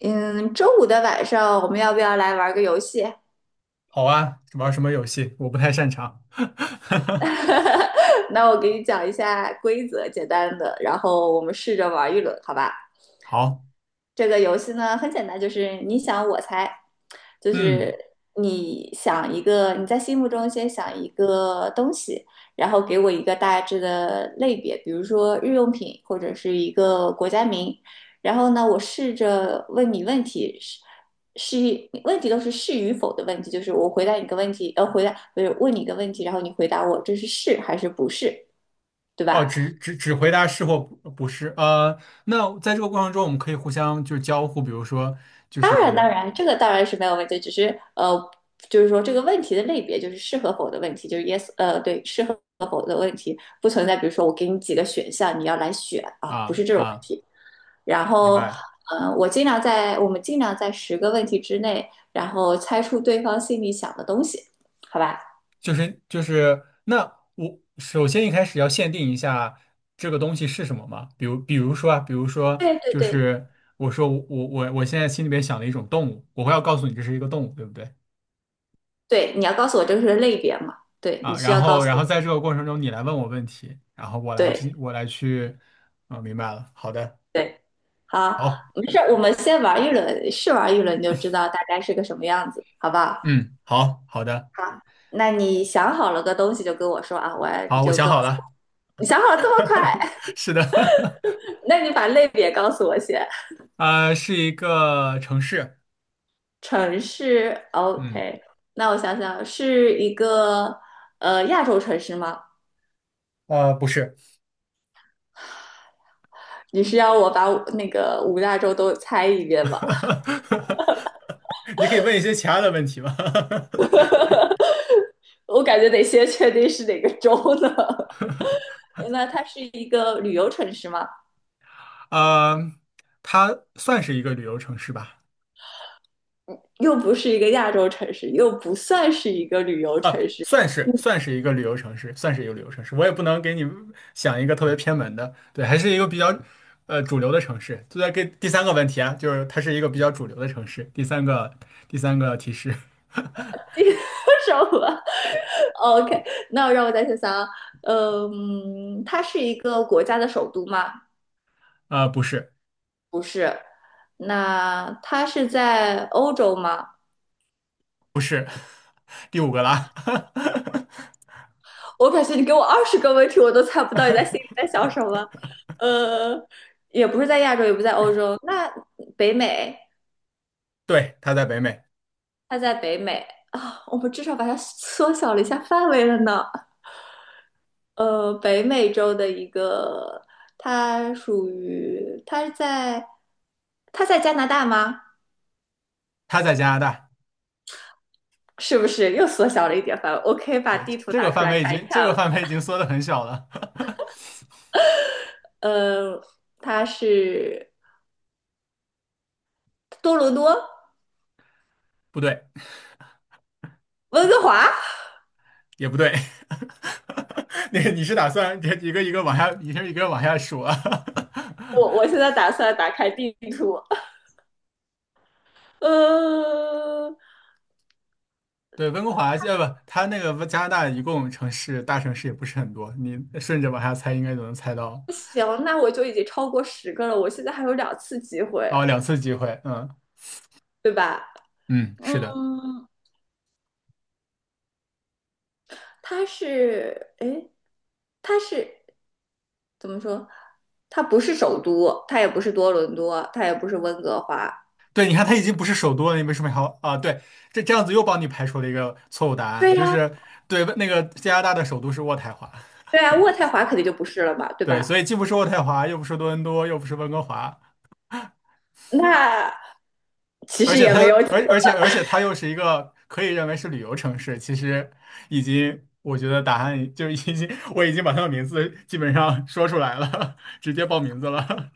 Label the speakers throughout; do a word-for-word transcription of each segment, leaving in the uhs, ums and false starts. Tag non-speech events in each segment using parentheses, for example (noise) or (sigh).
Speaker 1: 嗯，周五的晚上我们要不要来玩个游戏？
Speaker 2: 好啊，玩什么游戏？我不太擅长。(laughs)
Speaker 1: (laughs) 那我给你讲一下规则，简单的，然后我们试着玩一轮，好吧？
Speaker 2: 好。
Speaker 1: 这个游戏呢很简单，就是你想我猜，就
Speaker 2: 嗯。
Speaker 1: 是你想一个，你在心目中先想一个东西，然后给我一个大致的类别，比如说日用品或者是一个国家名，然后呢，我试着问你问题，是是问题都是是与否的问题，就是我回答你个问题，呃，回答不是问你一个问题，然后你回答我这是是还是不是，对
Speaker 2: 哦，
Speaker 1: 吧？
Speaker 2: 只只只回答是或不不是。呃，那在这个过程中，我们可以互相就是交互，比如说就
Speaker 1: 当然，当
Speaker 2: 是。
Speaker 1: 然，这个当然是没有问题，只是呃，就是说这个问题的类别就是适合否的问题，就是 yes，呃，对，适合不存在。比如说我给你几个选项，你要来选啊，不
Speaker 2: 啊
Speaker 1: 是这种问
Speaker 2: 啊，
Speaker 1: 题。然
Speaker 2: 明
Speaker 1: 后，
Speaker 2: 白。
Speaker 1: 呃，我尽量在我们尽量在十个问题之内，然后猜出对方心里想的东西，好吧？
Speaker 2: 就是就是那我首先一开始要限定一下这个东西是什么嘛？比如比如说啊，比如说
Speaker 1: 对对
Speaker 2: 就
Speaker 1: 对
Speaker 2: 是，我说我我我我现在心里边想了一种动物，我会要告诉你这是一个动物，对不对？
Speaker 1: 对，你要告诉我这个是类别嘛？对，你
Speaker 2: 啊，
Speaker 1: 需
Speaker 2: 然
Speaker 1: 要告
Speaker 2: 后
Speaker 1: 诉
Speaker 2: 然后在
Speaker 1: 我。
Speaker 2: 这个过程中你来问我问题，然后我来进
Speaker 1: 对
Speaker 2: 我来去。嗯，明白了，好的。
Speaker 1: 对，好，
Speaker 2: 好。
Speaker 1: 没事儿，我们先玩一轮，试玩一轮就知道大概是个什么样子，好不好？
Speaker 2: 嗯，好好的。
Speaker 1: 好，那你想好了个东西就跟我说啊，我你
Speaker 2: 好，我
Speaker 1: 就
Speaker 2: 想
Speaker 1: 告
Speaker 2: 好
Speaker 1: 诉我
Speaker 2: 了。
Speaker 1: 你想好了这么快？
Speaker 2: (laughs) 是的。(laughs)
Speaker 1: (laughs) 那你把类别告诉我先。
Speaker 2: 啊，是一个城市。
Speaker 1: 城市
Speaker 2: 嗯。
Speaker 1: ，OK。那我想想，是一个呃亚洲城市吗？
Speaker 2: 呃，不是。
Speaker 1: 你是要我把那个五大洲都猜一遍吗？
Speaker 2: (laughs) 你可以问一些其他的问题吗？
Speaker 1: 我感觉得先确定是哪个州呢。(laughs) 那它是一个旅游城市吗？
Speaker 2: (laughs) 呃，它算是一个旅游城市吧。
Speaker 1: 又不是一个亚洲城市，又不算是一个旅游城
Speaker 2: 啊，
Speaker 1: 市。
Speaker 2: 算是算是一个旅游城市，算是一个旅游城市。我也不能给你想一个特别偏门的，对，还是一个比较呃主流的城市。就在给第三个问题啊，就是它是一个比较主流的城市。第三个第三个提示。
Speaker 1: (laughs) 第什么 (laughs)？OK，那让我再想想啊，嗯，它是一个国家的首都吗？
Speaker 2: (laughs) 啊、不是
Speaker 1: 不是。那它是在欧洲吗？
Speaker 2: 不是。(laughs) 第五个啦。
Speaker 1: 我感觉你给我二十个问题，我都猜不到你在心里在想什
Speaker 2: (laughs)
Speaker 1: 么。呃，也不是在亚洲，也不在欧洲，那北美，
Speaker 2: 对，它在北美。
Speaker 1: 它在北美啊，我们至少把它缩小了一下范围了呢。呃，北美洲的一个，它属于它在它在加拿大吗？
Speaker 2: 它在加拿大。
Speaker 1: (laughs) 是不是又缩小了一点范围我可以把
Speaker 2: 对，
Speaker 1: 地图
Speaker 2: 这
Speaker 1: 拿
Speaker 2: 个
Speaker 1: 出
Speaker 2: 范
Speaker 1: 来
Speaker 2: 围已
Speaker 1: 看一
Speaker 2: 经这
Speaker 1: 看。
Speaker 2: 个范围已经缩的很小了。
Speaker 1: 呃，它是多伦多、
Speaker 2: (laughs) 不对。
Speaker 1: 温哥华。
Speaker 2: 也不对。(laughs) 那个你是打算一个一个往下，一个一个往下数啊？
Speaker 1: 我我现
Speaker 2: (laughs)
Speaker 1: 在打算打开地图。呃，
Speaker 2: 对，温哥华。呃，不，它那个加拿大一共城市大城市也不是很多，你顺着往下猜应该就能猜到。
Speaker 1: 行，那我就已经超过十个了。我现在还有两次机会，
Speaker 2: 哦，两次机会。嗯
Speaker 1: 对吧？
Speaker 2: 嗯，
Speaker 1: 嗯，
Speaker 2: 是的。
Speaker 1: 它是，诶，它是。怎么说？它不是首都，它也不是多伦多，它也不是温哥华。
Speaker 2: 对，你看它已经不是首都了，你为什么还要啊？对，这这样子又帮你排除了一个错误答案，
Speaker 1: 对
Speaker 2: 就
Speaker 1: 呀、啊
Speaker 2: 是对，那个加拿大的首都是渥太华。
Speaker 1: 对呀、啊渥太华肯定就不是了嘛，对
Speaker 2: 对，所
Speaker 1: 吧？
Speaker 2: 以既不是渥太华，又不是多伦多，又不是温哥华，
Speaker 1: 那其
Speaker 2: 而
Speaker 1: 实
Speaker 2: 且
Speaker 1: 也
Speaker 2: 它，
Speaker 1: 没有几个，
Speaker 2: 而而且而且它又是一个可以认为是旅游城市。其实已经，我觉得答案就已经，我已经把它的名字基本上说出来了。(laughs) 直接报名字了。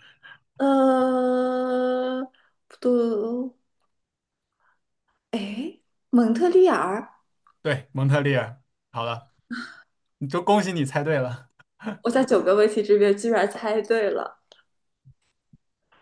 Speaker 1: 呃，不对哦，哎，蒙特利尔，
Speaker 2: (laughs) 对，蒙特利尔。好了，你就恭喜你猜对了。
Speaker 1: 我在九个问题这边居然猜对了，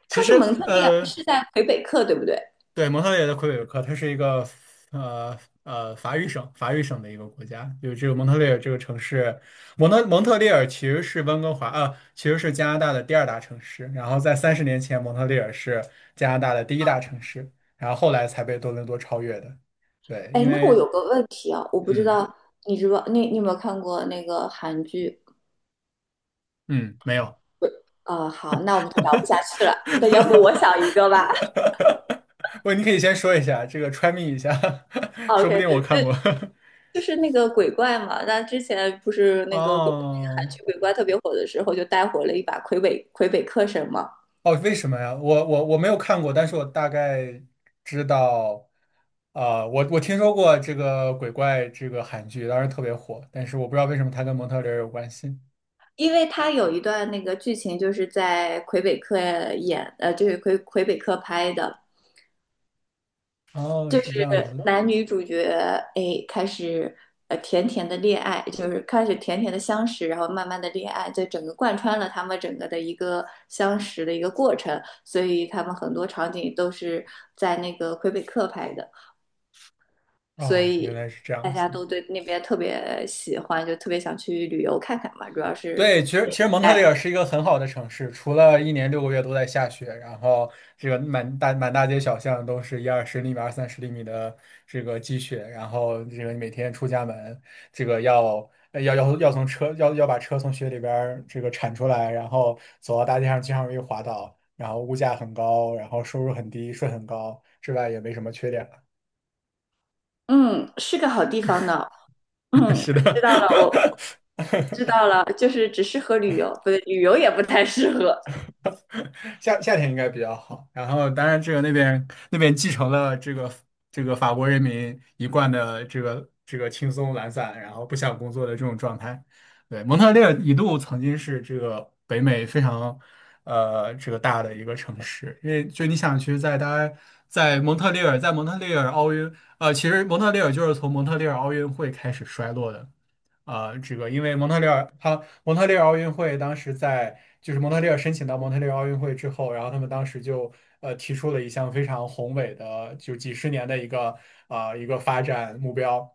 Speaker 2: 其
Speaker 1: 它是
Speaker 2: 实，
Speaker 1: 蒙特利尔，
Speaker 2: 呃，
Speaker 1: 是在魁北克，对不对？
Speaker 2: 对，蒙特利尔的魁北克，它是一个呃呃法语省法语省的一个国家，有这个蒙特利尔这个城市。蒙特蒙特利尔其实是温哥华啊，其实是加拿大的第二大城市。然后在三十年前，蒙特利尔是加拿大的第一大城市，然后后来才被多伦多超越的。对，
Speaker 1: 哎，
Speaker 2: 因
Speaker 1: 那我
Speaker 2: 为，
Speaker 1: 有个问题啊，我不知
Speaker 2: 嗯
Speaker 1: 道你知不，你你有没有看过那个韩剧？
Speaker 2: 嗯，没有。
Speaker 1: 不，啊、好，那我们就聊不下去了。那要不
Speaker 2: (laughs)
Speaker 1: 我想一个吧。
Speaker 2: 不，你可以先说一下这个 try me 一下。(laughs)
Speaker 1: 啊
Speaker 2: 说不定我
Speaker 1: OK，
Speaker 2: 看过。(laughs)
Speaker 1: 就是那个鬼怪嘛，那之前不是那个鬼，那个韩
Speaker 2: 哦。
Speaker 1: 剧鬼怪特别火的时候，就带火了一把魁北魁北克神嘛，
Speaker 2: 哦，为什么呀？我我我没有看过，但是我大概知道。啊、我我听说过这个鬼怪这个韩剧，当时特别火，但是我不知道为什么它跟蒙特利尔有关系。
Speaker 1: 因为他有一段那个剧情就是在魁北克演，呃，就是魁魁北克拍的，
Speaker 2: 哦，
Speaker 1: 就
Speaker 2: 是这
Speaker 1: 是
Speaker 2: 样子。
Speaker 1: 男女主角哎开始呃甜甜的恋爱，就是开始甜甜的相识，然后慢慢的恋爱，这整个贯穿了他们整个的一个相识的一个过程，所以他们很多场景都是在那个魁北克拍的。所
Speaker 2: 哦，原来
Speaker 1: 以
Speaker 2: 是这
Speaker 1: 大
Speaker 2: 样子。
Speaker 1: 家都对那边特别喜欢，就特别想去旅游看看嘛。主要是，
Speaker 2: 对，其实其实蒙特
Speaker 1: 哎，
Speaker 2: 利尔是一个很好的城市，除了一年六个月都在下雪，然后这个满大满大街小巷都是一二十厘米、二三十厘米的这个积雪。然后这个你每天出家门，这个要呃要要要从车要要把车从雪里边儿这个铲出来，然后走到大街上经常容易滑倒，然后物价很高，然后收入很低，税很高，之外也没什么缺点了。
Speaker 1: 嗯，是个好地方呢。
Speaker 2: (laughs)
Speaker 1: 嗯，
Speaker 2: 是
Speaker 1: 知
Speaker 2: 的。
Speaker 1: 道了，我知
Speaker 2: (laughs)
Speaker 1: 道了，就是只适合旅游，不对，旅游也不太适合。
Speaker 2: 夏夏天应该比较好。然后，当然这个那边那边继承了这个这个法国人民一贯的这个这个轻松懒散，然后不想工作的这种状态。对，蒙特利尔一度曾经是这个北美非常呃这个大的一个城市，因为就你想去在大家在蒙特利尔，在蒙特利尔奥运，呃，其实蒙特利尔就是从蒙特利尔奥运会开始衰落的。啊，这个因为蒙特利尔，他蒙特利尔奥运会当时在，就是蒙特利尔申请到蒙特利尔奥运会之后，然后他们当时就呃提出了一项非常宏伟的，就几十年的一个啊一个发展目标，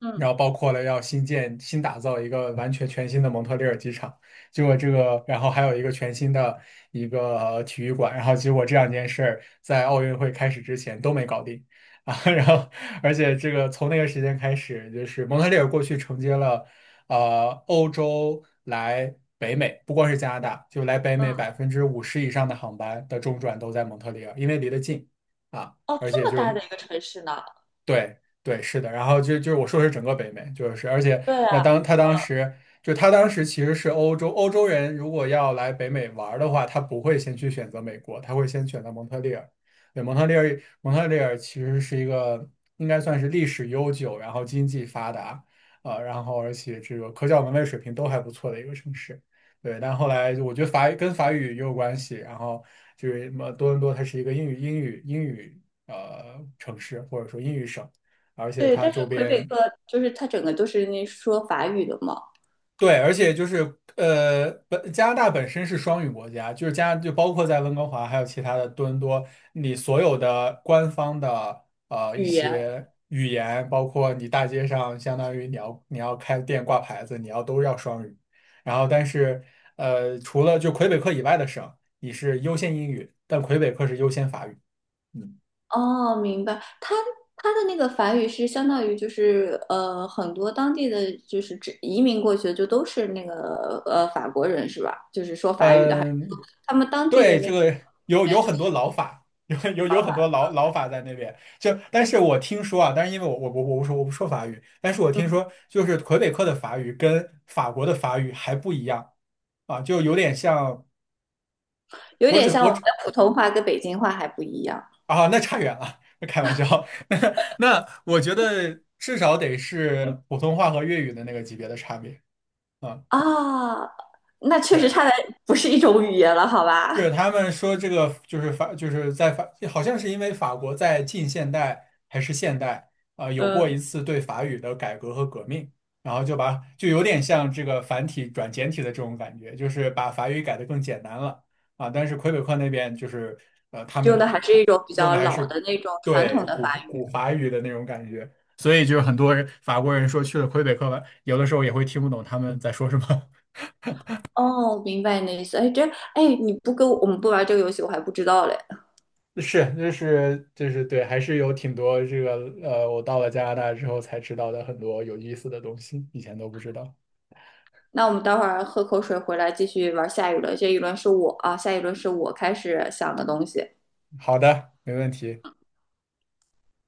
Speaker 1: 嗯
Speaker 2: 然后包括了要新建、新打造一个完全全新的蒙特利尔机场。结果这个，然后还有一个全新的一个呃体育馆，然后结果这两件事儿在奥运会开始之前都没搞定。啊，(laughs) 然后而且这个从那个时间开始，就是蒙特利尔过去承接了，呃，欧洲来北美，不光是加拿大，就来北美
Speaker 1: 嗯，
Speaker 2: 百分之五十以上的航班的中转都在蒙特利尔，因为离得近啊，
Speaker 1: 哦，
Speaker 2: 而
Speaker 1: 这
Speaker 2: 且
Speaker 1: 么
Speaker 2: 就
Speaker 1: 大
Speaker 2: 是。
Speaker 1: 的一个城市呢？
Speaker 2: 对对，是的。然后就就是我说的是整个北美，就是。而且
Speaker 1: 对啊，
Speaker 2: 那当他当
Speaker 1: 呃，
Speaker 2: 时就他当时其实是欧洲欧洲人，如果要来北美玩儿的话，他不会先去选择美国，他会先选择蒙特利尔。对，蒙特利尔，蒙特利尔其实是一个应该算是历史悠久，然后经济发达，啊，然后而且这个科教文卫水平都还不错的一个城市。对，但后来我觉得法语跟法语也有关系。然后就是什么多伦多它是一个英语英语英语。呃城市或者说英语省，而且
Speaker 1: 对，
Speaker 2: 它
Speaker 1: 但
Speaker 2: 周
Speaker 1: 是魁北
Speaker 2: 边。
Speaker 1: 克就是它整个都是那说法语的嘛，
Speaker 2: 对，而且就是呃本加拿大本身是双语国家，就是加就包括在温哥华还有其他的多伦多，你所有的官方的呃一
Speaker 1: 语言，
Speaker 2: 些语言，包括你大街上相当于你要你要开店挂牌子，你要都要双语。然后但是呃除了就魁北克以外的省，你是优先英语，但魁北克是优先法语。嗯。
Speaker 1: 哦，明白。他他的那个法语是相当于就是呃，很多当地的就是指移民过去的就都是那个呃法国人是吧？就是说法语的，还
Speaker 2: 嗯，
Speaker 1: 他们当地的
Speaker 2: 对，
Speaker 1: 那
Speaker 2: 这
Speaker 1: 个语
Speaker 2: 个有
Speaker 1: 言
Speaker 2: 有
Speaker 1: 就
Speaker 2: 很
Speaker 1: 是
Speaker 2: 多老法。(laughs) 有有
Speaker 1: 老
Speaker 2: 有很多
Speaker 1: 法，
Speaker 2: 老老法在那边。就但是我听说啊，但是因为我我我我不说我不说法语，但是我听
Speaker 1: 嗯，
Speaker 2: 说就是魁北克的法语跟法国的法语还不一样啊，就有点像。
Speaker 1: 有
Speaker 2: 我
Speaker 1: 点
Speaker 2: 只
Speaker 1: 像我
Speaker 2: 我
Speaker 1: 们
Speaker 2: 只
Speaker 1: 的普通话跟北京话还不一样
Speaker 2: 啊，那差远了。(laughs) 开玩笑。(laughs) 那那我觉得至少得是普通话和粤语的那个级别的差别啊，
Speaker 1: 啊。那确实
Speaker 2: 对。
Speaker 1: 差的不是一种语言了，好
Speaker 2: 是
Speaker 1: 吧？
Speaker 2: 他们说这个就是法，就是在法，好像是因为法国在近现代还是现代啊、呃有过
Speaker 1: 嗯，
Speaker 2: 一次对法语的改革和革命，然后就把就有点像这个繁体转简体的这种感觉，就是把法语改得更简单了啊。但是魁北克那边就是呃，他
Speaker 1: 用的
Speaker 2: 们
Speaker 1: 还是
Speaker 2: 还
Speaker 1: 一种比
Speaker 2: 用
Speaker 1: 较
Speaker 2: 的还
Speaker 1: 老
Speaker 2: 是
Speaker 1: 的那种传
Speaker 2: 对
Speaker 1: 统的
Speaker 2: 古
Speaker 1: 法语。
Speaker 2: 古法语的那种感觉，所以就是很多人法国人说去了魁北克，有的时候也会听不懂他们在说什么。
Speaker 1: 哦，明白你的意思。哎，这哎，你不跟我我们不玩这个游戏，我还不知道嘞。
Speaker 2: 是，就是就是对，还是有挺多这个呃，我到了加拿大之后才知道的很多有意思的东西，以前都不知道。
Speaker 1: 那我们待会儿喝口水回来继续玩下一轮，这一轮是我啊，下一轮是我开始想的东西。
Speaker 2: 好的，没问题。